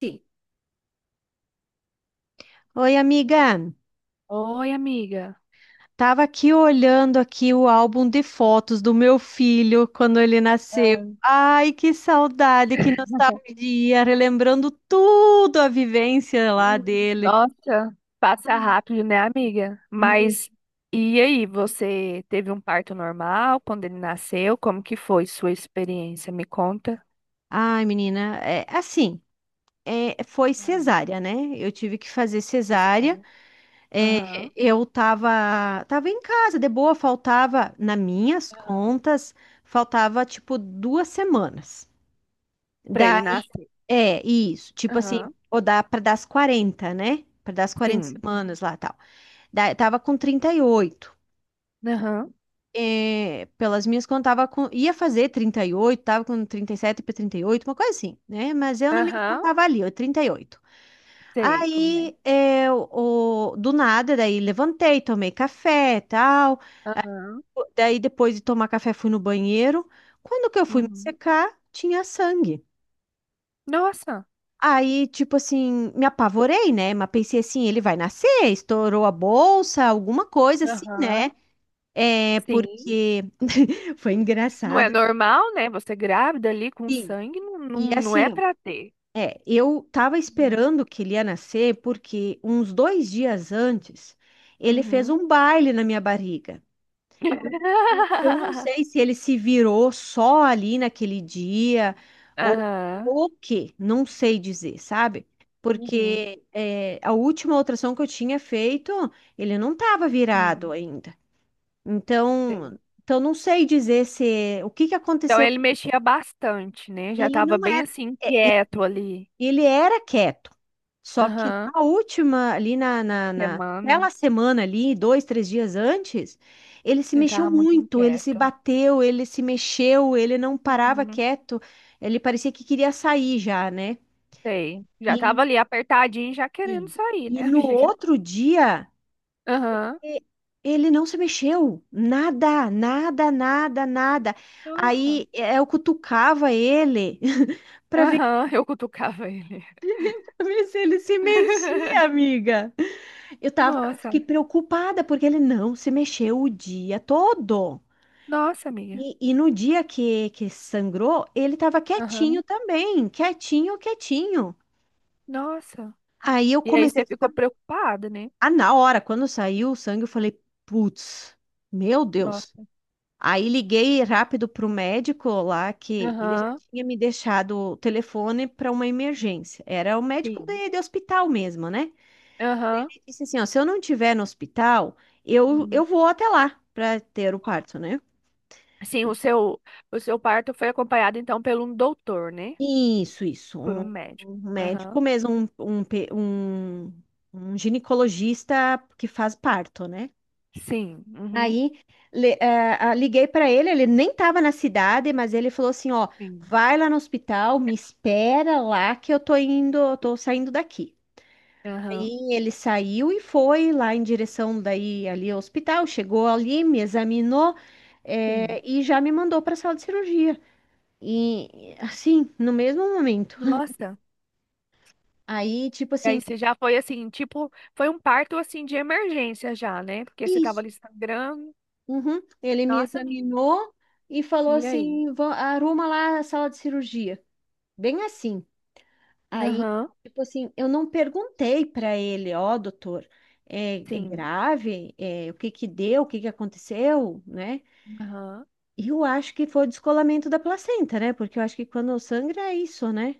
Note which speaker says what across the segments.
Speaker 1: Sim. Oi, amiga.
Speaker 2: Oi, amiga.
Speaker 1: Tava aqui olhando aqui o álbum de fotos do meu filho quando ele nasceu. Ai, que saudade, que nostalgia, relembrando tudo a vivência lá dele.
Speaker 2: Nossa, passa rápido, né, amiga?
Speaker 1: Hum.
Speaker 2: Mas e aí, você teve um parto normal quando ele nasceu? Como que foi sua experiência? Me conta.
Speaker 1: Ai, menina, é assim, foi
Speaker 2: Ah,
Speaker 1: cesárea, né? Eu tive que fazer
Speaker 2: foi
Speaker 1: cesárea.
Speaker 2: cesárea?
Speaker 1: é,
Speaker 2: Aham.
Speaker 1: eu tava em casa, de boa, faltava, nas minhas
Speaker 2: Aham.
Speaker 1: contas, faltava tipo duas semanas.
Speaker 2: Pra ele
Speaker 1: Daí
Speaker 2: nascer.
Speaker 1: É, isso. Tipo assim,
Speaker 2: Aham.
Speaker 1: ou dá para dar as 40, né? Para dar as 40
Speaker 2: Sim.
Speaker 1: semanas lá, tal. Tava com 38.
Speaker 2: Aham.
Speaker 1: É, pelas minhas contas, tava com, ia fazer 38, tava com 37 para 38, uma coisa assim, né? Mas eu na minha conta
Speaker 2: Aham.
Speaker 1: tava ali, ó, 38.
Speaker 2: Sei como é.
Speaker 1: Aí, é, do nada, daí levantei, tomei café, tal.
Speaker 2: Aham.
Speaker 1: Daí, depois de tomar café, fui no banheiro. Quando que eu fui me
Speaker 2: Uhum.
Speaker 1: secar, tinha sangue.
Speaker 2: Nossa.
Speaker 1: Aí, tipo assim, me apavorei, né? Mas pensei assim, ele vai nascer, estourou a bolsa, alguma coisa assim, né?
Speaker 2: Aham.
Speaker 1: É,
Speaker 2: Sim.
Speaker 1: porque foi
Speaker 2: Não é
Speaker 1: engraçado.
Speaker 2: normal, né? Você grávida ali com
Speaker 1: Sim.
Speaker 2: sangue,
Speaker 1: E
Speaker 2: não é
Speaker 1: assim, ó,
Speaker 2: pra ter.
Speaker 1: é, eu tava
Speaker 2: Uhum.
Speaker 1: esperando que ele ia nascer porque uns dois dias antes ele fez
Speaker 2: Uhum.
Speaker 1: um baile na minha barriga. Eu não sei se ele se virou só ali naquele dia ou
Speaker 2: Aham.
Speaker 1: o quê, não sei dizer, sabe?
Speaker 2: Uhum.
Speaker 1: Porque é, a última ultrassom que eu tinha feito, ele não estava virado
Speaker 2: Sim.
Speaker 1: ainda. Então,
Speaker 2: Sim.
Speaker 1: não sei dizer se o que que
Speaker 2: Então
Speaker 1: aconteceu.
Speaker 2: ele mexia bastante, né? Já
Speaker 1: Ele
Speaker 2: tava
Speaker 1: não
Speaker 2: bem
Speaker 1: era.
Speaker 2: assim,
Speaker 1: eh,
Speaker 2: inquieto ali.
Speaker 1: Ele era quieto, só que
Speaker 2: Aham.
Speaker 1: na última, ali na, na, na-
Speaker 2: Semana.
Speaker 1: naquela semana ali, dois, três dias antes, ele se
Speaker 2: Ele
Speaker 1: mexeu
Speaker 2: tava muito
Speaker 1: muito, ele se
Speaker 2: inquieto.
Speaker 1: bateu, ele se mexeu, ele não parava
Speaker 2: Uhum.
Speaker 1: quieto, ele parecia que queria sair já, né?
Speaker 2: Sei. Já
Speaker 1: E,
Speaker 2: tava ali apertadinho, já querendo
Speaker 1: e,
Speaker 2: sair,
Speaker 1: e
Speaker 2: né,
Speaker 1: no
Speaker 2: amiga?
Speaker 1: outro dia,
Speaker 2: Aham.
Speaker 1: e- ele não se mexeu, nada, nada, nada, nada.
Speaker 2: Nossa.
Speaker 1: Aí eu cutucava ele para ver
Speaker 2: Aham, eu cutucava ele.
Speaker 1: se ele se mexia, amiga.
Speaker 2: Nossa.
Speaker 1: Fiquei preocupada porque ele não se mexeu o dia todo.
Speaker 2: Nossa, amiga.
Speaker 1: No dia que sangrou, ele tava quietinho
Speaker 2: Aham.
Speaker 1: também, quietinho, quietinho.
Speaker 2: Nossa.
Speaker 1: Aí eu
Speaker 2: E aí
Speaker 1: comecei
Speaker 2: você
Speaker 1: a
Speaker 2: ficou
Speaker 1: ficar.
Speaker 2: preocupada, né?
Speaker 1: Ah, na hora, quando saiu o sangue, eu falei, putz, meu Deus.
Speaker 2: Nossa.
Speaker 1: Aí liguei rápido pro médico lá, que ele já
Speaker 2: Aham.
Speaker 1: tinha me deixado o telefone para uma emergência. Era o médico
Speaker 2: Sim.
Speaker 1: de hospital mesmo, né?
Speaker 2: Aham.
Speaker 1: Disse assim, ó, se eu não tiver no hospital, eu vou até lá para ter o parto, né?
Speaker 2: Sim, o seu, o seu parto foi acompanhado então pelo um doutor, né?
Speaker 1: Isso, isso.
Speaker 2: Por um
Speaker 1: Um
Speaker 2: médico. Aham.
Speaker 1: médico mesmo, um, pe- um, um ginecologista que faz parto, né?
Speaker 2: Sim. Uhum.
Speaker 1: Aí liguei para ele, ele nem estava na cidade, mas ele falou assim, ó,
Speaker 2: Sim.
Speaker 1: vai lá no hospital, me espera lá que eu tô indo, eu tô saindo daqui.
Speaker 2: Aham.
Speaker 1: Aí ele saiu e foi lá em direção daí ali ao hospital, chegou ali, me examinou,
Speaker 2: Sim.
Speaker 1: e já me mandou para a sala de cirurgia. E assim, no mesmo momento.
Speaker 2: Nossa.
Speaker 1: Aí, tipo
Speaker 2: E aí
Speaker 1: assim,
Speaker 2: você já foi assim, tipo, foi um parto assim de emergência já, né? Porque você tava
Speaker 1: isso.
Speaker 2: ali sangrando.
Speaker 1: Uhum, ele me
Speaker 2: Nossa, menina.
Speaker 1: examinou e falou
Speaker 2: E aí?
Speaker 1: assim: "Vã- arruma lá a sala de cirurgia. Bem assim. Aí,
Speaker 2: Aham.
Speaker 1: tipo assim, eu não perguntei para ele, ó, doutor, é
Speaker 2: Sim.
Speaker 1: grave? É, o que que deu? O que que aconteceu? Né?
Speaker 2: Aham.
Speaker 1: Eu acho que foi o descolamento da placenta, né? Porque eu acho que quando sangra é isso, né?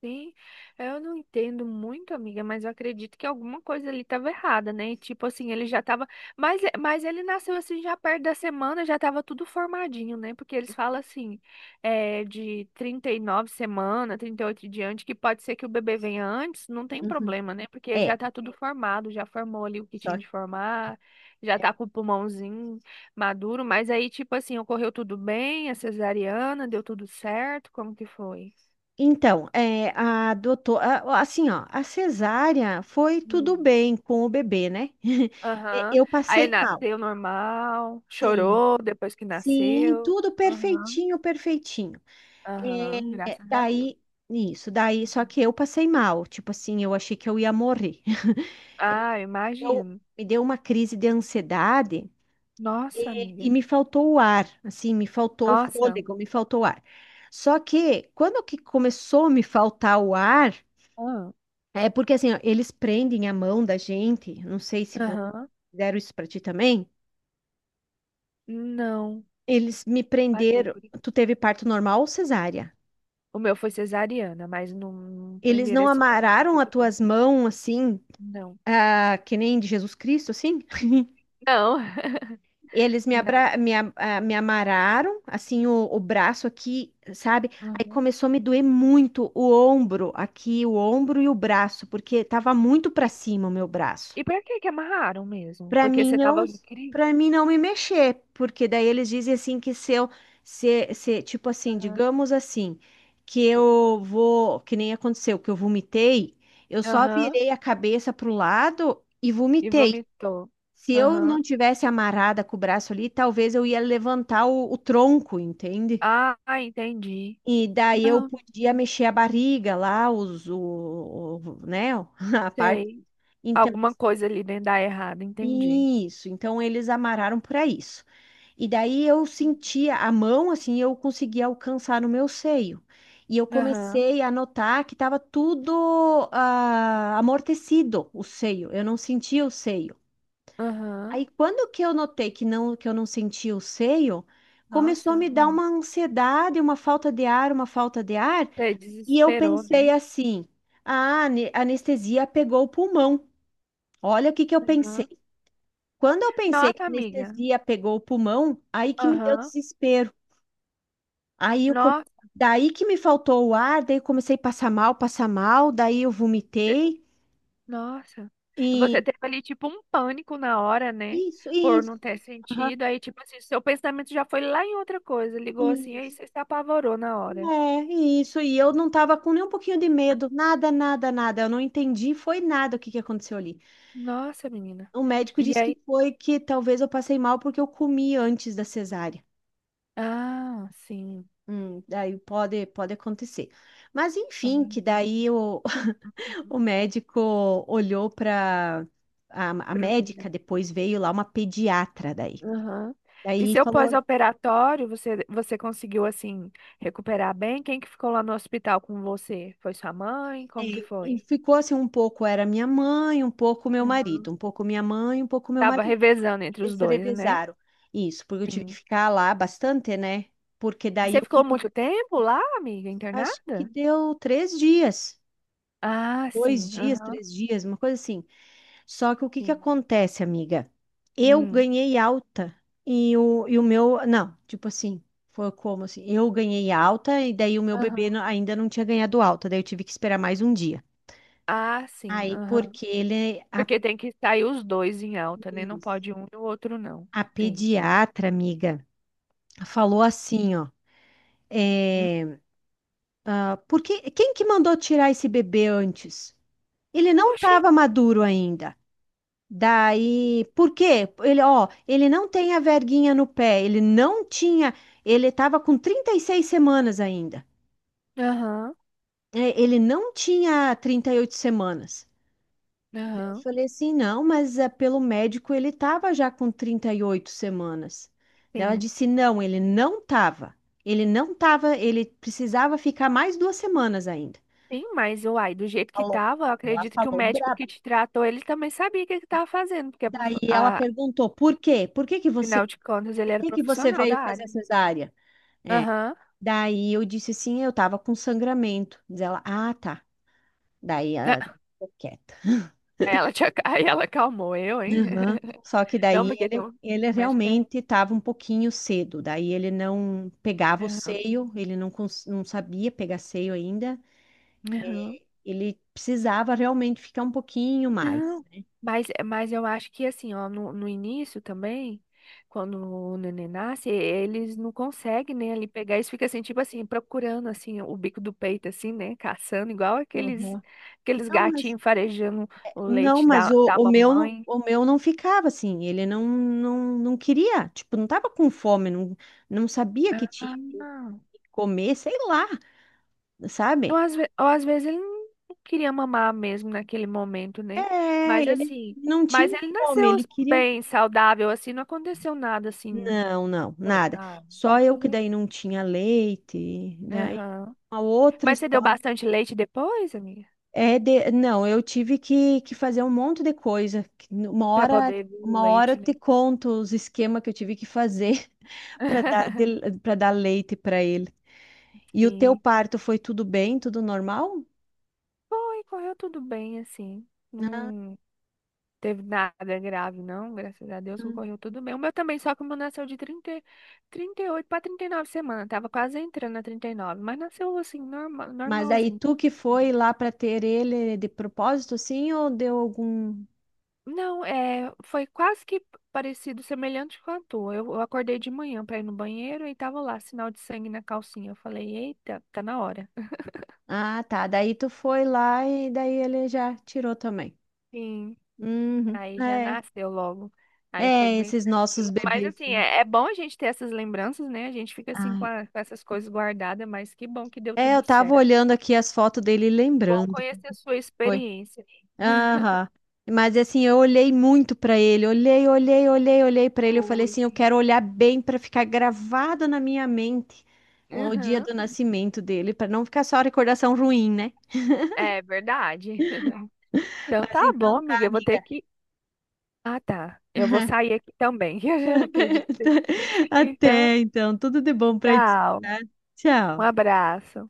Speaker 2: Sim, eu não entendo muito, amiga, mas eu acredito que alguma coisa ali estava errada, né? Tipo assim, ele já tava. Mas ele nasceu assim já perto da semana, já tava tudo formadinho, né? Porque eles falam assim, é, de 39 semanas, 38 em diante, que pode ser que o bebê venha antes, não tem
Speaker 1: Uhum.
Speaker 2: problema, né? Porque ele
Speaker 1: É.
Speaker 2: já tá tudo formado, já formou ali o que
Speaker 1: Só
Speaker 2: tinha de
Speaker 1: que-
Speaker 2: formar, já tá com o pulmãozinho maduro, mas aí, tipo assim, ocorreu tudo bem, a cesariana, deu tudo certo, como que foi?
Speaker 1: Então, é, assim, ó, a cesárea foi tudo bem com o bebê, né?
Speaker 2: Aham.
Speaker 1: Eu
Speaker 2: Aí
Speaker 1: passei mal.
Speaker 2: nasceu normal,
Speaker 1: Sim,
Speaker 2: chorou depois que
Speaker 1: sim,
Speaker 2: nasceu.
Speaker 1: tudo
Speaker 2: Aham.
Speaker 1: perfeitinho, perfeitinho.
Speaker 2: Aham,
Speaker 1: É,
Speaker 2: graças a Deus.
Speaker 1: daí, isso, daí, só
Speaker 2: Uhum.
Speaker 1: que eu passei mal. Tipo assim, eu achei que eu ia morrer.
Speaker 2: Ah, eu
Speaker 1: Eu
Speaker 2: imagino.
Speaker 1: me deu uma crise de ansiedade.
Speaker 2: Nossa,
Speaker 1: E
Speaker 2: amiga.
Speaker 1: me faltou o ar, assim, me faltou o
Speaker 2: Nossa.
Speaker 1: fôlego, me faltou o ar. Só que quando que começou a me faltar o ar,
Speaker 2: Ah,
Speaker 1: é porque assim, ó, eles prendem a mão da gente, não sei se
Speaker 2: Aham.
Speaker 1: fizeram isso pra ti também.
Speaker 2: Não,
Speaker 1: Eles me
Speaker 2: passei
Speaker 1: prenderam,
Speaker 2: por isso.
Speaker 1: tu teve parto normal ou cesárea?
Speaker 2: O meu foi cesariana, mas não
Speaker 1: Eles
Speaker 2: prenderam
Speaker 1: não
Speaker 2: assim na mão. O
Speaker 1: amarraram
Speaker 2: que
Speaker 1: as
Speaker 2: que foi?
Speaker 1: tuas mãos assim,
Speaker 2: Não.
Speaker 1: ah, que nem de Jesus Cristo, assim?
Speaker 2: Não.
Speaker 1: Eles me,
Speaker 2: Não.
Speaker 1: abra... me, a- ah, Me amarraram, assim, o braço aqui, sabe? Aí
Speaker 2: Uhum.
Speaker 1: começou a me doer muito o ombro aqui, o ombro e o braço, porque tava muito pra
Speaker 2: E,
Speaker 1: cima o meu braço.
Speaker 2: pra que que amarraram mesmo?
Speaker 1: Pra
Speaker 2: Porque
Speaker 1: mim
Speaker 2: você
Speaker 1: não,
Speaker 2: tava em crise?
Speaker 1: para mim não me mexer, porque daí eles dizem assim que se eu, se, tipo assim,
Speaker 2: Aham.
Speaker 1: digamos assim, que eu vou, que nem aconteceu, que eu vomitei, eu só
Speaker 2: Aham.
Speaker 1: virei a cabeça pro lado e
Speaker 2: E
Speaker 1: vomitei.
Speaker 2: vomitou.
Speaker 1: Se eu
Speaker 2: Aham.
Speaker 1: não tivesse amarrada com o braço ali, talvez eu ia levantar o tronco, entende?
Speaker 2: Ah, entendi.
Speaker 1: E daí eu
Speaker 2: Não,
Speaker 1: podia mexer a barriga lá, né, a parte.
Speaker 2: sei.
Speaker 1: Então,
Speaker 2: Alguma coisa ali dentro dá errado, entendi.
Speaker 1: isso. Então eles amarraram para isso. E daí eu sentia a mão assim, eu conseguia alcançar no meu seio. E eu
Speaker 2: Aham,
Speaker 1: comecei a notar que estava tudo amortecido, o seio. Eu não sentia o seio.
Speaker 2: aham.
Speaker 1: Aí quando que eu notei que eu não sentia o seio, começou a
Speaker 2: Nossa,
Speaker 1: me dar
Speaker 2: hum.
Speaker 1: uma ansiedade, uma falta de ar,
Speaker 2: Você
Speaker 1: e eu
Speaker 2: desesperou,
Speaker 1: pensei
Speaker 2: né?
Speaker 1: assim: "Ah, a anestesia pegou o pulmão". Olha o que que eu
Speaker 2: Aham.
Speaker 1: pensei. Quando eu pensei que a
Speaker 2: Nossa, amiga.
Speaker 1: anestesia pegou o pulmão, aí que me deu
Speaker 2: Aham.
Speaker 1: desespero. Aí eu come-
Speaker 2: Nossa,
Speaker 1: Daí que me faltou o ar, daí eu comecei a passar mal, daí eu vomitei
Speaker 2: nossa. Você
Speaker 1: e
Speaker 2: teve ali tipo um pânico na hora, né?
Speaker 1: isso,
Speaker 2: Por
Speaker 1: isso,
Speaker 2: não ter
Speaker 1: aham,
Speaker 2: sentido. Aí, tipo assim, seu pensamento já foi lá em outra coisa. Ligou assim, aí
Speaker 1: isso.
Speaker 2: você se apavorou na hora.
Speaker 1: É, isso. E eu não tava com nem um pouquinho de medo, nada, nada, nada. Eu não entendi, foi nada o que que aconteceu ali.
Speaker 2: Nossa, menina.
Speaker 1: O médico
Speaker 2: E
Speaker 1: disse que
Speaker 2: aí.
Speaker 1: foi que talvez eu passei mal porque eu comi antes da cesárea.
Speaker 2: Ah, sim.
Speaker 1: Daí pode, pode acontecer. Mas enfim,
Speaker 2: Ah,
Speaker 1: que daí o médico olhou para a
Speaker 2: uhum.
Speaker 1: médica, depois veio lá uma pediatra daí.
Speaker 2: Aham. E
Speaker 1: Daí
Speaker 2: seu
Speaker 1: falou,
Speaker 2: pós-operatório, você conseguiu, assim, recuperar bem? Quem que ficou lá no hospital com você? Foi sua mãe?
Speaker 1: é,
Speaker 2: Como que
Speaker 1: e
Speaker 2: foi?
Speaker 1: ficou assim um pouco era minha mãe, um pouco meu marido,
Speaker 2: Uhum.
Speaker 1: um pouco minha mãe, um pouco meu
Speaker 2: Tava
Speaker 1: marido.
Speaker 2: revezando entre os
Speaker 1: Eles
Speaker 2: dois, né?
Speaker 1: revezaram. Isso, porque eu tive que
Speaker 2: Sim.
Speaker 1: ficar lá bastante, né? Porque daí
Speaker 2: Você
Speaker 1: o
Speaker 2: ficou
Speaker 1: que
Speaker 2: muito tempo lá, amiga,
Speaker 1: acho que
Speaker 2: internada?
Speaker 1: deu três dias,
Speaker 2: Ah,
Speaker 1: dois
Speaker 2: sim.
Speaker 1: dias,
Speaker 2: Aham,
Speaker 1: três dias, uma coisa assim. Só que o que que
Speaker 2: sim.
Speaker 1: acontece, amiga? Eu
Speaker 2: Hum.
Speaker 1: ganhei alta e o meu. Não, tipo assim, foi como assim? Eu ganhei alta e daí o meu
Speaker 2: Aham.
Speaker 1: bebê ainda não tinha ganhado alta, daí eu tive que esperar mais um dia.
Speaker 2: Ah, sim.
Speaker 1: Aí,
Speaker 2: Aham.
Speaker 1: porque ele,
Speaker 2: Porque tem que sair os dois em alta, né? Não pode um e o outro não.
Speaker 1: a
Speaker 2: Sim.
Speaker 1: pediatra, amiga, falou assim, ó.
Speaker 2: Hum.
Speaker 1: eh, Ah, porque quem que mandou tirar esse bebê antes? Ele não
Speaker 2: Oxi.
Speaker 1: estava maduro ainda. Daí, por quê? Ele, ó, ele não tem a verguinha no pé, ele não tinha, ele estava com 36 semanas ainda.
Speaker 2: Aham.
Speaker 1: É, ele não tinha 38 semanas. Eu
Speaker 2: Aham.
Speaker 1: falei assim, não, mas é, pelo médico ele estava já com 38 semanas. Daí ela
Speaker 2: Sim.
Speaker 1: disse, não, ele não estava. Ele não estava, ele precisava ficar mais duas semanas ainda.
Speaker 2: Sim, mas uai, do jeito que
Speaker 1: Falou.
Speaker 2: tava, eu
Speaker 1: Ela
Speaker 2: acredito que o
Speaker 1: falou
Speaker 2: médico
Speaker 1: brabo.
Speaker 2: que te tratou, ele também sabia o que que tava fazendo, porque prof-
Speaker 1: Daí ela
Speaker 2: a-
Speaker 1: perguntou, por quê?
Speaker 2: afinal de contas ele
Speaker 1: Por
Speaker 2: era
Speaker 1: que que você
Speaker 2: profissional
Speaker 1: veio
Speaker 2: da
Speaker 1: fazer
Speaker 2: área. Né?
Speaker 1: cesárea? É.
Speaker 2: Aham.
Speaker 1: Daí eu disse assim, eu tava com sangramento. Diz ela, ah, tá. Daí
Speaker 2: Né?
Speaker 1: ela ficou quieta.
Speaker 2: Aí Ela te, ac- aí ela acalmou eu, hein?
Speaker 1: Aham. Só que
Speaker 2: Não,
Speaker 1: daí
Speaker 2: porque tem um
Speaker 1: ele
Speaker 2: médico que é.
Speaker 1: realmente estava um pouquinho cedo. Daí ele não pegava o seio, ele não, cons- não sabia pegar seio ainda.
Speaker 2: Aham.
Speaker 1: É, ele precisava realmente ficar um pouquinho mais.
Speaker 2: Não, mas eu acho que assim, ó, no início também, quando o neném nasce, eles não conseguem, né, ali pegar, eles ficam assim, tipo assim, procurando, assim, o bico do peito, assim, né, caçando, igual aqueles,
Speaker 1: Aham.
Speaker 2: aqueles
Speaker 1: Não, mas
Speaker 2: gatinhos farejando o
Speaker 1: Não,
Speaker 2: leite
Speaker 1: mas
Speaker 2: da
Speaker 1: o meu,
Speaker 2: mamãe.
Speaker 1: o meu não ficava assim, ele não, não, não queria, tipo, não tava com fome, não, não sabia que tinha
Speaker 2: Ah,
Speaker 1: que
Speaker 2: não.
Speaker 1: comer, sei lá,
Speaker 2: Ou
Speaker 1: sabe?
Speaker 2: às, ve- ou às vezes ele não queria mamar mesmo naquele momento, né,
Speaker 1: É,
Speaker 2: mas
Speaker 1: ele
Speaker 2: assim,
Speaker 1: não tinha
Speaker 2: mas ele
Speaker 1: fome,
Speaker 2: nasceu
Speaker 1: ele queria.
Speaker 2: bem, saudável, assim, não aconteceu nada, assim,
Speaker 1: Não, não,
Speaker 2: foi,
Speaker 1: nada.
Speaker 2: ah,
Speaker 1: Só
Speaker 2: graças
Speaker 1: eu
Speaker 2: a
Speaker 1: que daí
Speaker 2: Deus.
Speaker 1: não tinha leite, daí
Speaker 2: Aham.
Speaker 1: uma outra
Speaker 2: Mas você deu
Speaker 1: história.
Speaker 2: bastante leite depois, amiga?
Speaker 1: É de... Não, eu tive que fazer um monte de coisa. Que Uma
Speaker 2: Pra
Speaker 1: hora,
Speaker 2: poder vir o
Speaker 1: eu
Speaker 2: leite,
Speaker 1: te
Speaker 2: né?
Speaker 1: conto os esquemas que eu tive que fazer para dar, para dar leite para ele. E o teu
Speaker 2: Sim.
Speaker 1: parto foi tudo bem, tudo normal?
Speaker 2: Foi, correu tudo bem, assim. Não teve nada grave, não. Graças a Deus,
Speaker 1: Hum.
Speaker 2: correu tudo bem. O meu também, só que o meu nasceu de 30 e- 38 para 39 semanas. Tava quase entrando na 39, mas nasceu, assim, normal,
Speaker 1: Mas daí
Speaker 2: normalzinho.
Speaker 1: tu que foi lá para ter ele de propósito, sim, ou deu algum.
Speaker 2: Não, é, foi quase que parecido, semelhante com a tua. Eu acordei de manhã pra ir no banheiro e tava lá, sinal de sangue na calcinha. Eu falei, eita, tá na hora.
Speaker 1: Ah, tá. Daí tu foi lá e daí ele já tirou também.
Speaker 2: Sim.
Speaker 1: Uhum.
Speaker 2: Aí já
Speaker 1: É.
Speaker 2: nasceu logo. Aí foi
Speaker 1: É,
Speaker 2: bem
Speaker 1: esses nossos
Speaker 2: tranquilo. Mas
Speaker 1: bebês.
Speaker 2: assim,
Speaker 1: Né?
Speaker 2: é, é bom a gente ter essas lembranças, né? A gente fica assim com,
Speaker 1: Ah,
Speaker 2: a- com essas coisas guardadas, mas que bom que deu
Speaker 1: é, eu
Speaker 2: tudo
Speaker 1: tava
Speaker 2: certo.
Speaker 1: olhando aqui as fotos dele e
Speaker 2: Bom
Speaker 1: lembrando.
Speaker 2: conhecer a sua
Speaker 1: Foi.
Speaker 2: experiência.
Speaker 1: Aham. Mas assim, eu olhei muito pra ele, olhei, olhei, olhei, olhei pra ele. Eu falei
Speaker 2: Oi,
Speaker 1: assim, eu
Speaker 2: gente.
Speaker 1: quero olhar bem pra ficar gravado na minha mente o dia
Speaker 2: Uhum.
Speaker 1: do nascimento dele, pra não ficar só recordação ruim, né?
Speaker 2: É verdade. Então
Speaker 1: Mas
Speaker 2: tá
Speaker 1: então
Speaker 2: bom,
Speaker 1: tá,
Speaker 2: amiga. Eu vou
Speaker 1: amiga.
Speaker 2: ter que. Ah, tá. Eu vou sair aqui também. Eu já acredito. Então,
Speaker 1: Até então, tudo de bom pra ti,
Speaker 2: tchau.
Speaker 1: tá?
Speaker 2: Um
Speaker 1: Tchau.
Speaker 2: abraço.